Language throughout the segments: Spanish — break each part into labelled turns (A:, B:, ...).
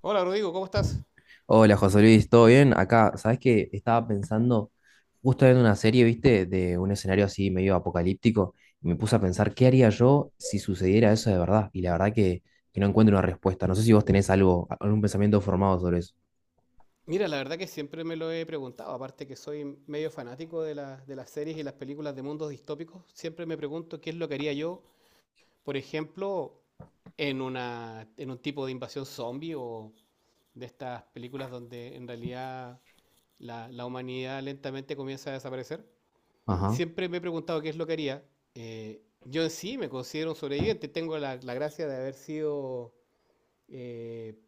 A: Hola Rodrigo, ¿cómo estás?
B: Hola José Luis, ¿todo bien? Acá, ¿sabes qué? Estaba pensando, justo viendo una serie, ¿viste? De un escenario así medio apocalíptico, y me puse a pensar, ¿qué haría yo si sucediera eso de verdad? Y la verdad que no encuentro una respuesta. No sé si vos tenés algo, algún pensamiento formado sobre eso.
A: Mira, la verdad que siempre me lo he preguntado, aparte que soy medio fanático de las series y las películas de mundos distópicos, siempre me pregunto qué es lo que haría yo, por ejemplo, en un tipo de invasión zombie o de estas películas donde en realidad la humanidad lentamente comienza a desaparecer.
B: Ajá.
A: Siempre me he preguntado qué es lo que haría. Yo en sí me considero un sobreviviente. Tengo la gracia de haber sido eh,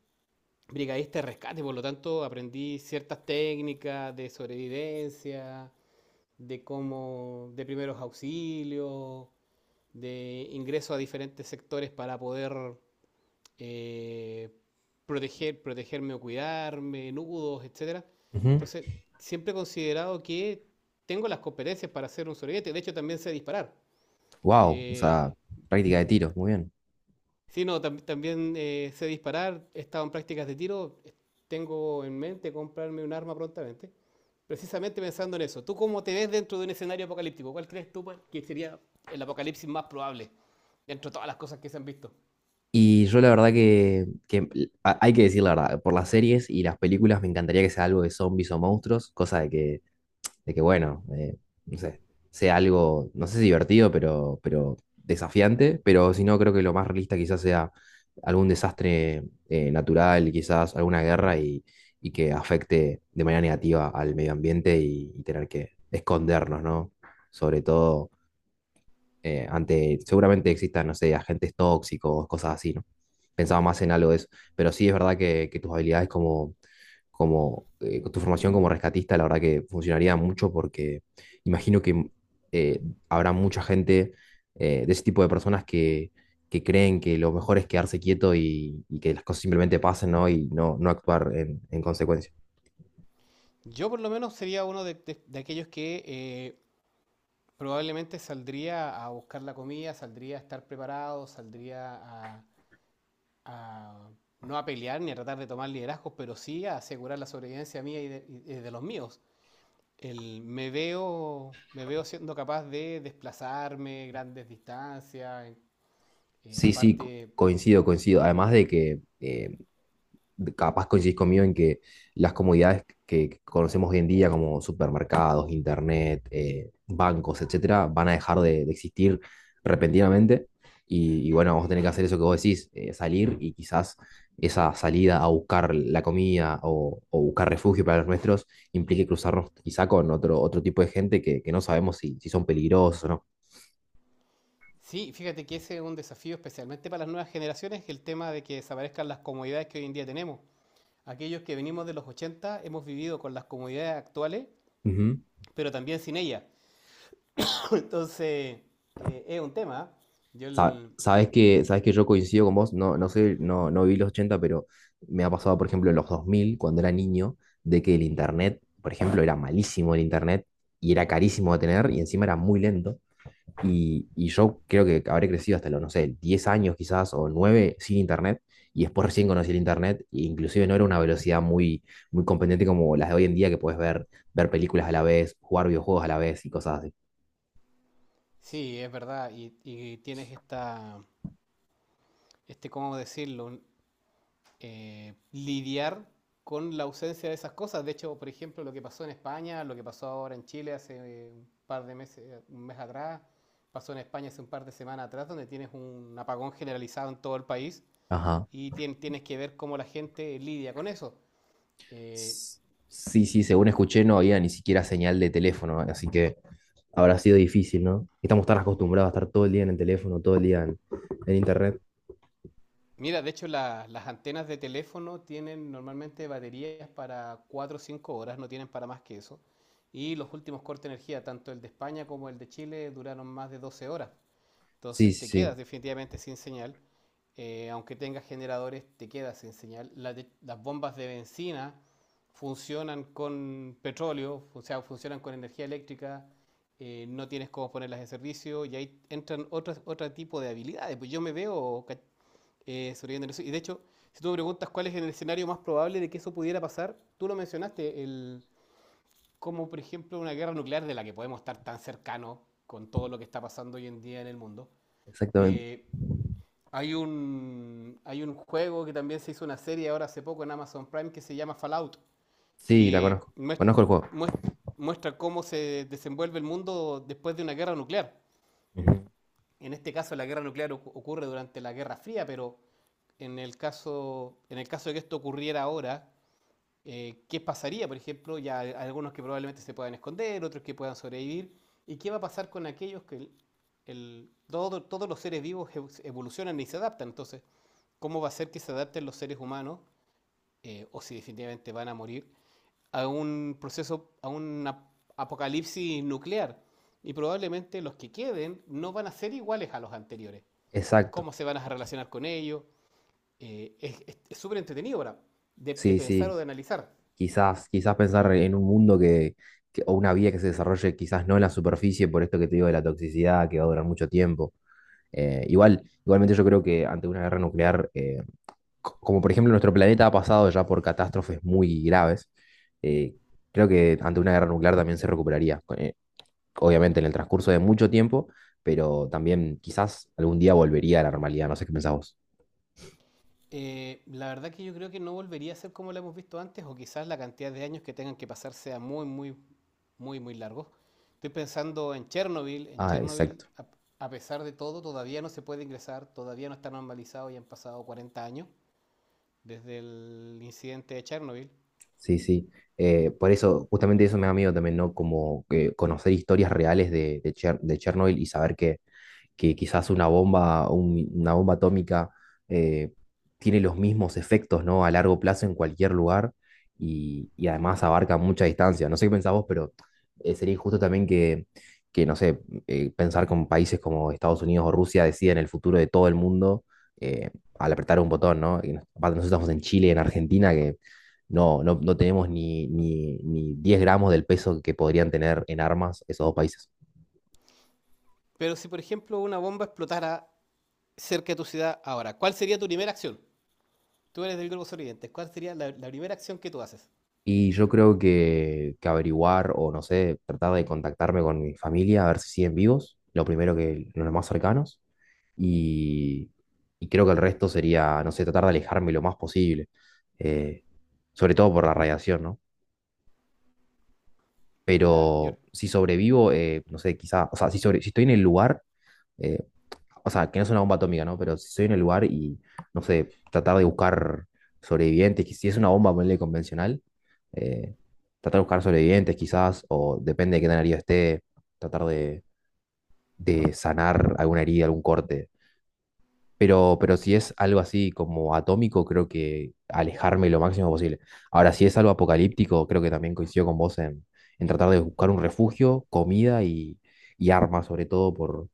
A: brigadista de rescate, por lo tanto aprendí ciertas técnicas de sobrevivencia, de primeros auxilios, de ingreso a diferentes sectores para poder eh, proteger, protegerme o cuidarme, nudos, etcétera. Entonces, siempre he considerado que tengo las competencias para ser un sobreviviente. De hecho, también sé disparar.
B: Wow, o
A: Eh,
B: sea, práctica de tiros, muy bien.
A: Sí, no, también sé disparar, he estado en prácticas de tiro, tengo en mente comprarme un arma prontamente, precisamente pensando en eso. ¿Tú cómo te ves dentro de un escenario apocalíptico? ¿Cuál crees tú pues, que sería el apocalipsis más probable dentro de todas las cosas que se han visto?
B: Y yo la verdad que hay que decir la verdad, por las series y las películas me encantaría que sea algo de zombies o monstruos, cosa de que bueno, no sé, sea algo, no sé si divertido, pero desafiante, pero si no, creo que lo más realista quizás sea algún desastre natural, quizás alguna guerra y que afecte de manera negativa al medio ambiente y tener que escondernos, ¿no? Sobre todo ante, seguramente existan, no sé, agentes tóxicos, cosas así, ¿no? Pensaba más en algo de eso, pero sí es verdad que tus habilidades como, tu formación como rescatista, la verdad que funcionaría mucho porque imagino que eh, habrá mucha gente de ese tipo de personas que creen que lo mejor es quedarse quieto y que las cosas simplemente pasen, ¿no? Y no, no actuar en consecuencia.
A: Yo por lo menos sería uno de, de aquellos que probablemente saldría a buscar la comida, saldría a estar preparado, a no a pelear ni a tratar de tomar liderazgos, pero sí a asegurar la sobrevivencia mía y de los míos. Me veo siendo capaz de desplazarme grandes distancias. eh,
B: Sí, sí,
A: aparte,
B: coincido, coincido. Además de que capaz coincidís conmigo en que las comodidades que conocemos hoy en día, como supermercados, internet, bancos, etcétera, van a dejar de existir repentinamente. Bueno, vamos a tener que hacer eso que vos decís, salir y quizás esa salida a buscar la comida o, buscar refugio para los nuestros implique cruzarnos quizá con otro tipo de gente que no sabemos si son peligrosos o no.
A: sí, fíjate que ese es un desafío especialmente para las nuevas generaciones, el tema de que desaparezcan las comodidades que hoy en día tenemos. Aquellos que venimos de los 80 hemos vivido con las comodidades actuales,
B: Ujú.
A: pero también sin ellas. Entonces, es un tema. Yo,
B: Sa-
A: el-
B: Sabes que, sabes que yo coincido con vos, no, no sé, no, no viví los 80 pero me ha pasado, por ejemplo, en los 2000 cuando era niño, de que el internet, por ejemplo, era malísimo el internet y era carísimo de tener y encima era muy lento. Y yo creo que habré crecido hasta los, no sé, 10 años quizás o 9 sin internet y después recién conocí el internet e inclusive no era una velocidad muy, muy competente como las de hoy en día que puedes ver películas a la vez, jugar videojuegos a la vez y cosas así.
A: sí, es verdad, y tienes esta, este, ¿cómo decirlo? Lidiar con la ausencia de esas cosas. De hecho, por ejemplo, lo que pasó en España, lo que pasó ahora en Chile hace un par de meses, un mes atrás, pasó en España hace un par de semanas atrás, donde tienes un apagón generalizado en todo el país
B: Ajá.
A: y tienes que ver cómo la gente lidia con eso. Eh,
B: S- Sí, sí, según escuché no había ni siquiera señal de teléfono, así que habrá sido difícil, ¿no? Estamos tan acostumbrados a estar todo el día en el teléfono, todo el día en internet.
A: Mira, de hecho, las antenas de teléfono tienen normalmente baterías para 4 o 5 horas, no tienen para más que eso. Y los últimos cortes de energía, tanto el de España como el de Chile, duraron más de 12 horas.
B: Sí,
A: Entonces
B: sí,
A: te quedas
B: sí,
A: definitivamente sin señal. Aunque tengas generadores, te quedas sin señal. Las bombas de benzina funcionan con petróleo, o sea, funcionan con energía eléctrica. No tienes cómo ponerlas en servicio y ahí entran otro tipo de habilidades. Pues yo me veo ca- sobreviviendo eso. Y de hecho, si tú me preguntas cuál es el escenario más probable de que eso pudiera pasar, tú lo mencionaste, como por ejemplo una guerra nuclear de la que podemos estar tan cercanos con todo lo que está pasando hoy en día en el mundo.
B: exactamente.
A: Eh, Hay un juego que también se hizo una serie ahora hace poco en Amazon Prime que se llama Fallout,
B: Sí, la
A: que
B: conozco. Conozco el juego.
A: muest- muestra cómo se desenvuelve el mundo después de una guerra nuclear.
B: Ujú.
A: En este caso la guerra nuclear ocurre durante la Guerra Fría, pero en el caso de que esto ocurriera ahora, qué pasaría, por ejemplo, ya hay algunos que probablemente se puedan esconder, otros que puedan sobrevivir, y qué va a pasar con aquellos que el- todo- todos los seres vivos evolucionan y se adaptan. Entonces, ¿cómo va a ser que se adapten los seres humanos, o si definitivamente van a morir, a un apocalipsis nuclear? Y probablemente los que queden no van a ser iguales a los anteriores. ¿Y
B: Exacto.
A: cómo se van a relacionar con ellos? Eh, es es súper entretenido ahora de
B: Sí,
A: pensar o
B: sí.
A: de analizar.
B: Quizás, quizás pensar en un mundo o una vía que se desarrolle quizás no en la superficie, por esto que te digo de la toxicidad, que va a durar mucho tiempo. Igualmente yo creo que ante una guerra nuclear, como por ejemplo nuestro planeta ha pasado ya por catástrofes muy graves, eh, creo que ante una guerra nuclear también se recuperaría. Obviamente en el transcurso de mucho tiempo, pero también quizás algún día volvería a la normalidad, no sé qué pensás vos.
A: La verdad que yo creo que no volvería a ser como la hemos visto antes, o quizás la cantidad de años que tengan que pasar sea muy, muy, muy, muy largo. Estoy pensando en Chernobyl. En
B: Ah,
A: Chernobyl,
B: exacto.
A: a pesar de todo, todavía no se puede ingresar, todavía no está normalizado y han pasado 40 años desde el incidente de Chernobyl.
B: Sí, sí. Por eso, justamente eso me da miedo también, ¿no? Como que conocer historias reales de Chernobyl y saber que quizás una bomba, una bomba atómica eh, tiene los mismos efectos, ¿no? A largo plazo en cualquier lugar y además abarca mucha distancia. No sé qué pensás vos, pero sería injusto también que, no sé, pensar con países como Estados Unidos o Rusia deciden el futuro de todo el mundo eh, al apretar un botón, ¿no? Y aparte nosotros estamos en Chile, en Argentina, que no, no, no tenemos ni, ni, ni 10 gramos del peso que podrían tener en armas esos dos países.
A: Pero si, por ejemplo, una bomba explotara cerca de tu ciudad ahora, ¿cuál sería tu primera acción? Tú eres del grupo Oriente, ¿cuál sería la primera acción que tú haces?
B: Y yo creo que averiguar o no sé, tratar de contactarme con mi familia a ver si siguen vivos, lo primero que los más cercanos. Y, y creo que el resto sería, no sé, tratar de alejarme lo más posible, eh, sobre todo por la radiación, ¿no?
A: Mira, yo...
B: Pero si sobrevivo, no sé, quizá, o sea, si estoy en el lugar, eh, o sea, que no es una bomba atómica, ¿no? Pero si estoy en el lugar y, no sé, tratar de buscar sobrevivientes, que si es una bomba, ponele convencional, eh, tratar de buscar sobrevivientes quizás, o depende de qué tan herido esté, tratar de sanar alguna herida, algún corte. Pero si es algo así como atómico, creo que alejarme lo máximo posible. Ahora, si es algo apocalíptico, creo que también coincido con vos en, tratar de buscar un refugio, comida y armas, sobre todo por,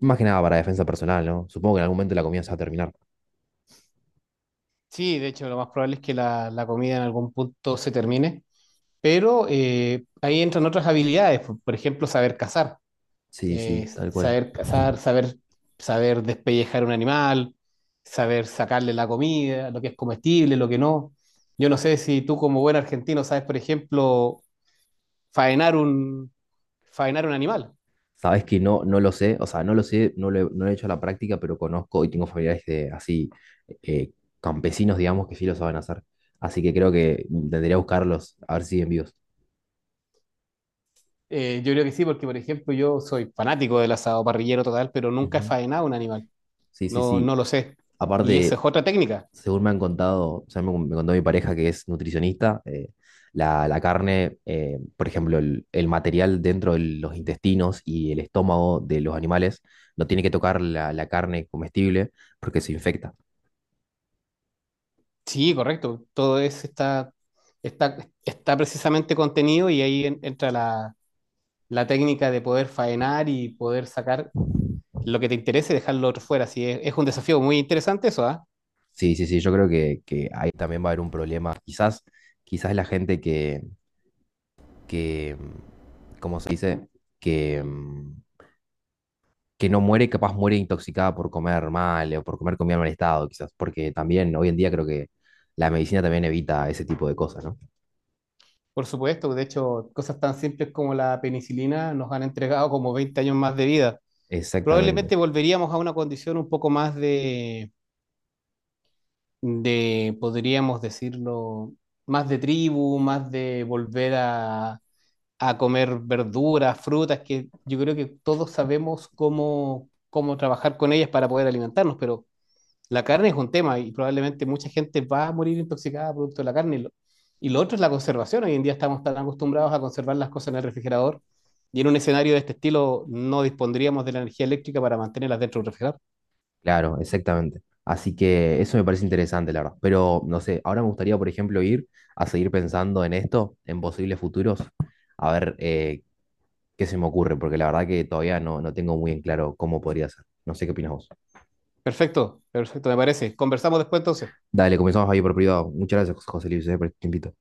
B: más que nada para defensa personal, ¿no? Supongo que en algún momento la comida se va a terminar.
A: Sí, de hecho, lo más probable es que la comida en algún punto se termine. Pero ahí entran otras habilidades, por ejemplo, saber cazar,
B: Sí, sí,
A: eh,
B: tal cual.
A: saber cazar, saber, saber despellejar un animal, saber sacarle la comida, lo que es comestible, lo que no. Yo no sé si tú como buen argentino sabes, por ejemplo, faenar un, faenar un animal.
B: Sabes que no, no lo sé, o sea, no lo sé, no lo he hecho a la práctica, pero conozco y tengo familiares así, eh, campesinos, digamos, que sí lo saben hacer. Así que creo que intentaría buscarlos, a ver si siguen vivos.
A: Yo creo que sí, porque por ejemplo yo soy fanático del asado parrillero total, pero nunca he
B: Ujú.
A: faenado un animal,
B: Sí, sí, sí.
A: no lo sé. Y esa es
B: Aparte,
A: otra técnica.
B: según me han contado, o sea, me contó mi pareja que es nutricionista, La carne, por ejemplo, el material dentro de los intestinos y el estómago de los animales no tiene que tocar la carne comestible porque se infecta.
A: Sí, correcto. Todo eso está, está precisamente contenido y ahí entra la técnica de poder faenar y poder sacar lo que te interese y dejarlo otro fuera. Sí, es un desafío muy interesante eso, ¿ah?
B: Sí, sí, sí, yo creo que ahí también va a haber un problema. Quizás, quizás la gente que, ¿cómo se dice? Que, mm, que no muere, capaz muere intoxicada por comer mal o por comer comida en mal estado, quizás, porque también hoy en día creo que la medicina también evita ese tipo de cosas, ¿no?
A: Por supuesto. De hecho, cosas tan simples como la penicilina nos han entregado como 20 años más de vida.
B: Exactamente,
A: Probablemente volveríamos a una condición un poco más podríamos decirlo, más de tribu, más de volver a comer verduras, frutas, que yo creo que todos sabemos cómo trabajar con ellas para poder alimentarnos, pero la carne es un tema y probablemente mucha gente va a morir intoxicada producto de la carne. Y lo otro es la conservación. Hoy en día estamos tan acostumbrados a conservar las cosas en el refrigerador y en un escenario de este estilo no dispondríamos de la energía eléctrica para mantenerlas dentro del refrigerador.
B: claro, exactamente. Así que eso me parece interesante, la verdad. Pero no sé, ahora me gustaría, por ejemplo, ir a seguir pensando en esto, en posibles futuros, a ver qué se me ocurre, porque la verdad que todavía no, no tengo muy en claro cómo podría ser. No sé qué opinas vos.
A: Perfecto, perfecto, me parece. Conversamos después entonces.
B: Dale, comenzamos ahí por privado. Muchas gracias, José Luis, por este tiempito.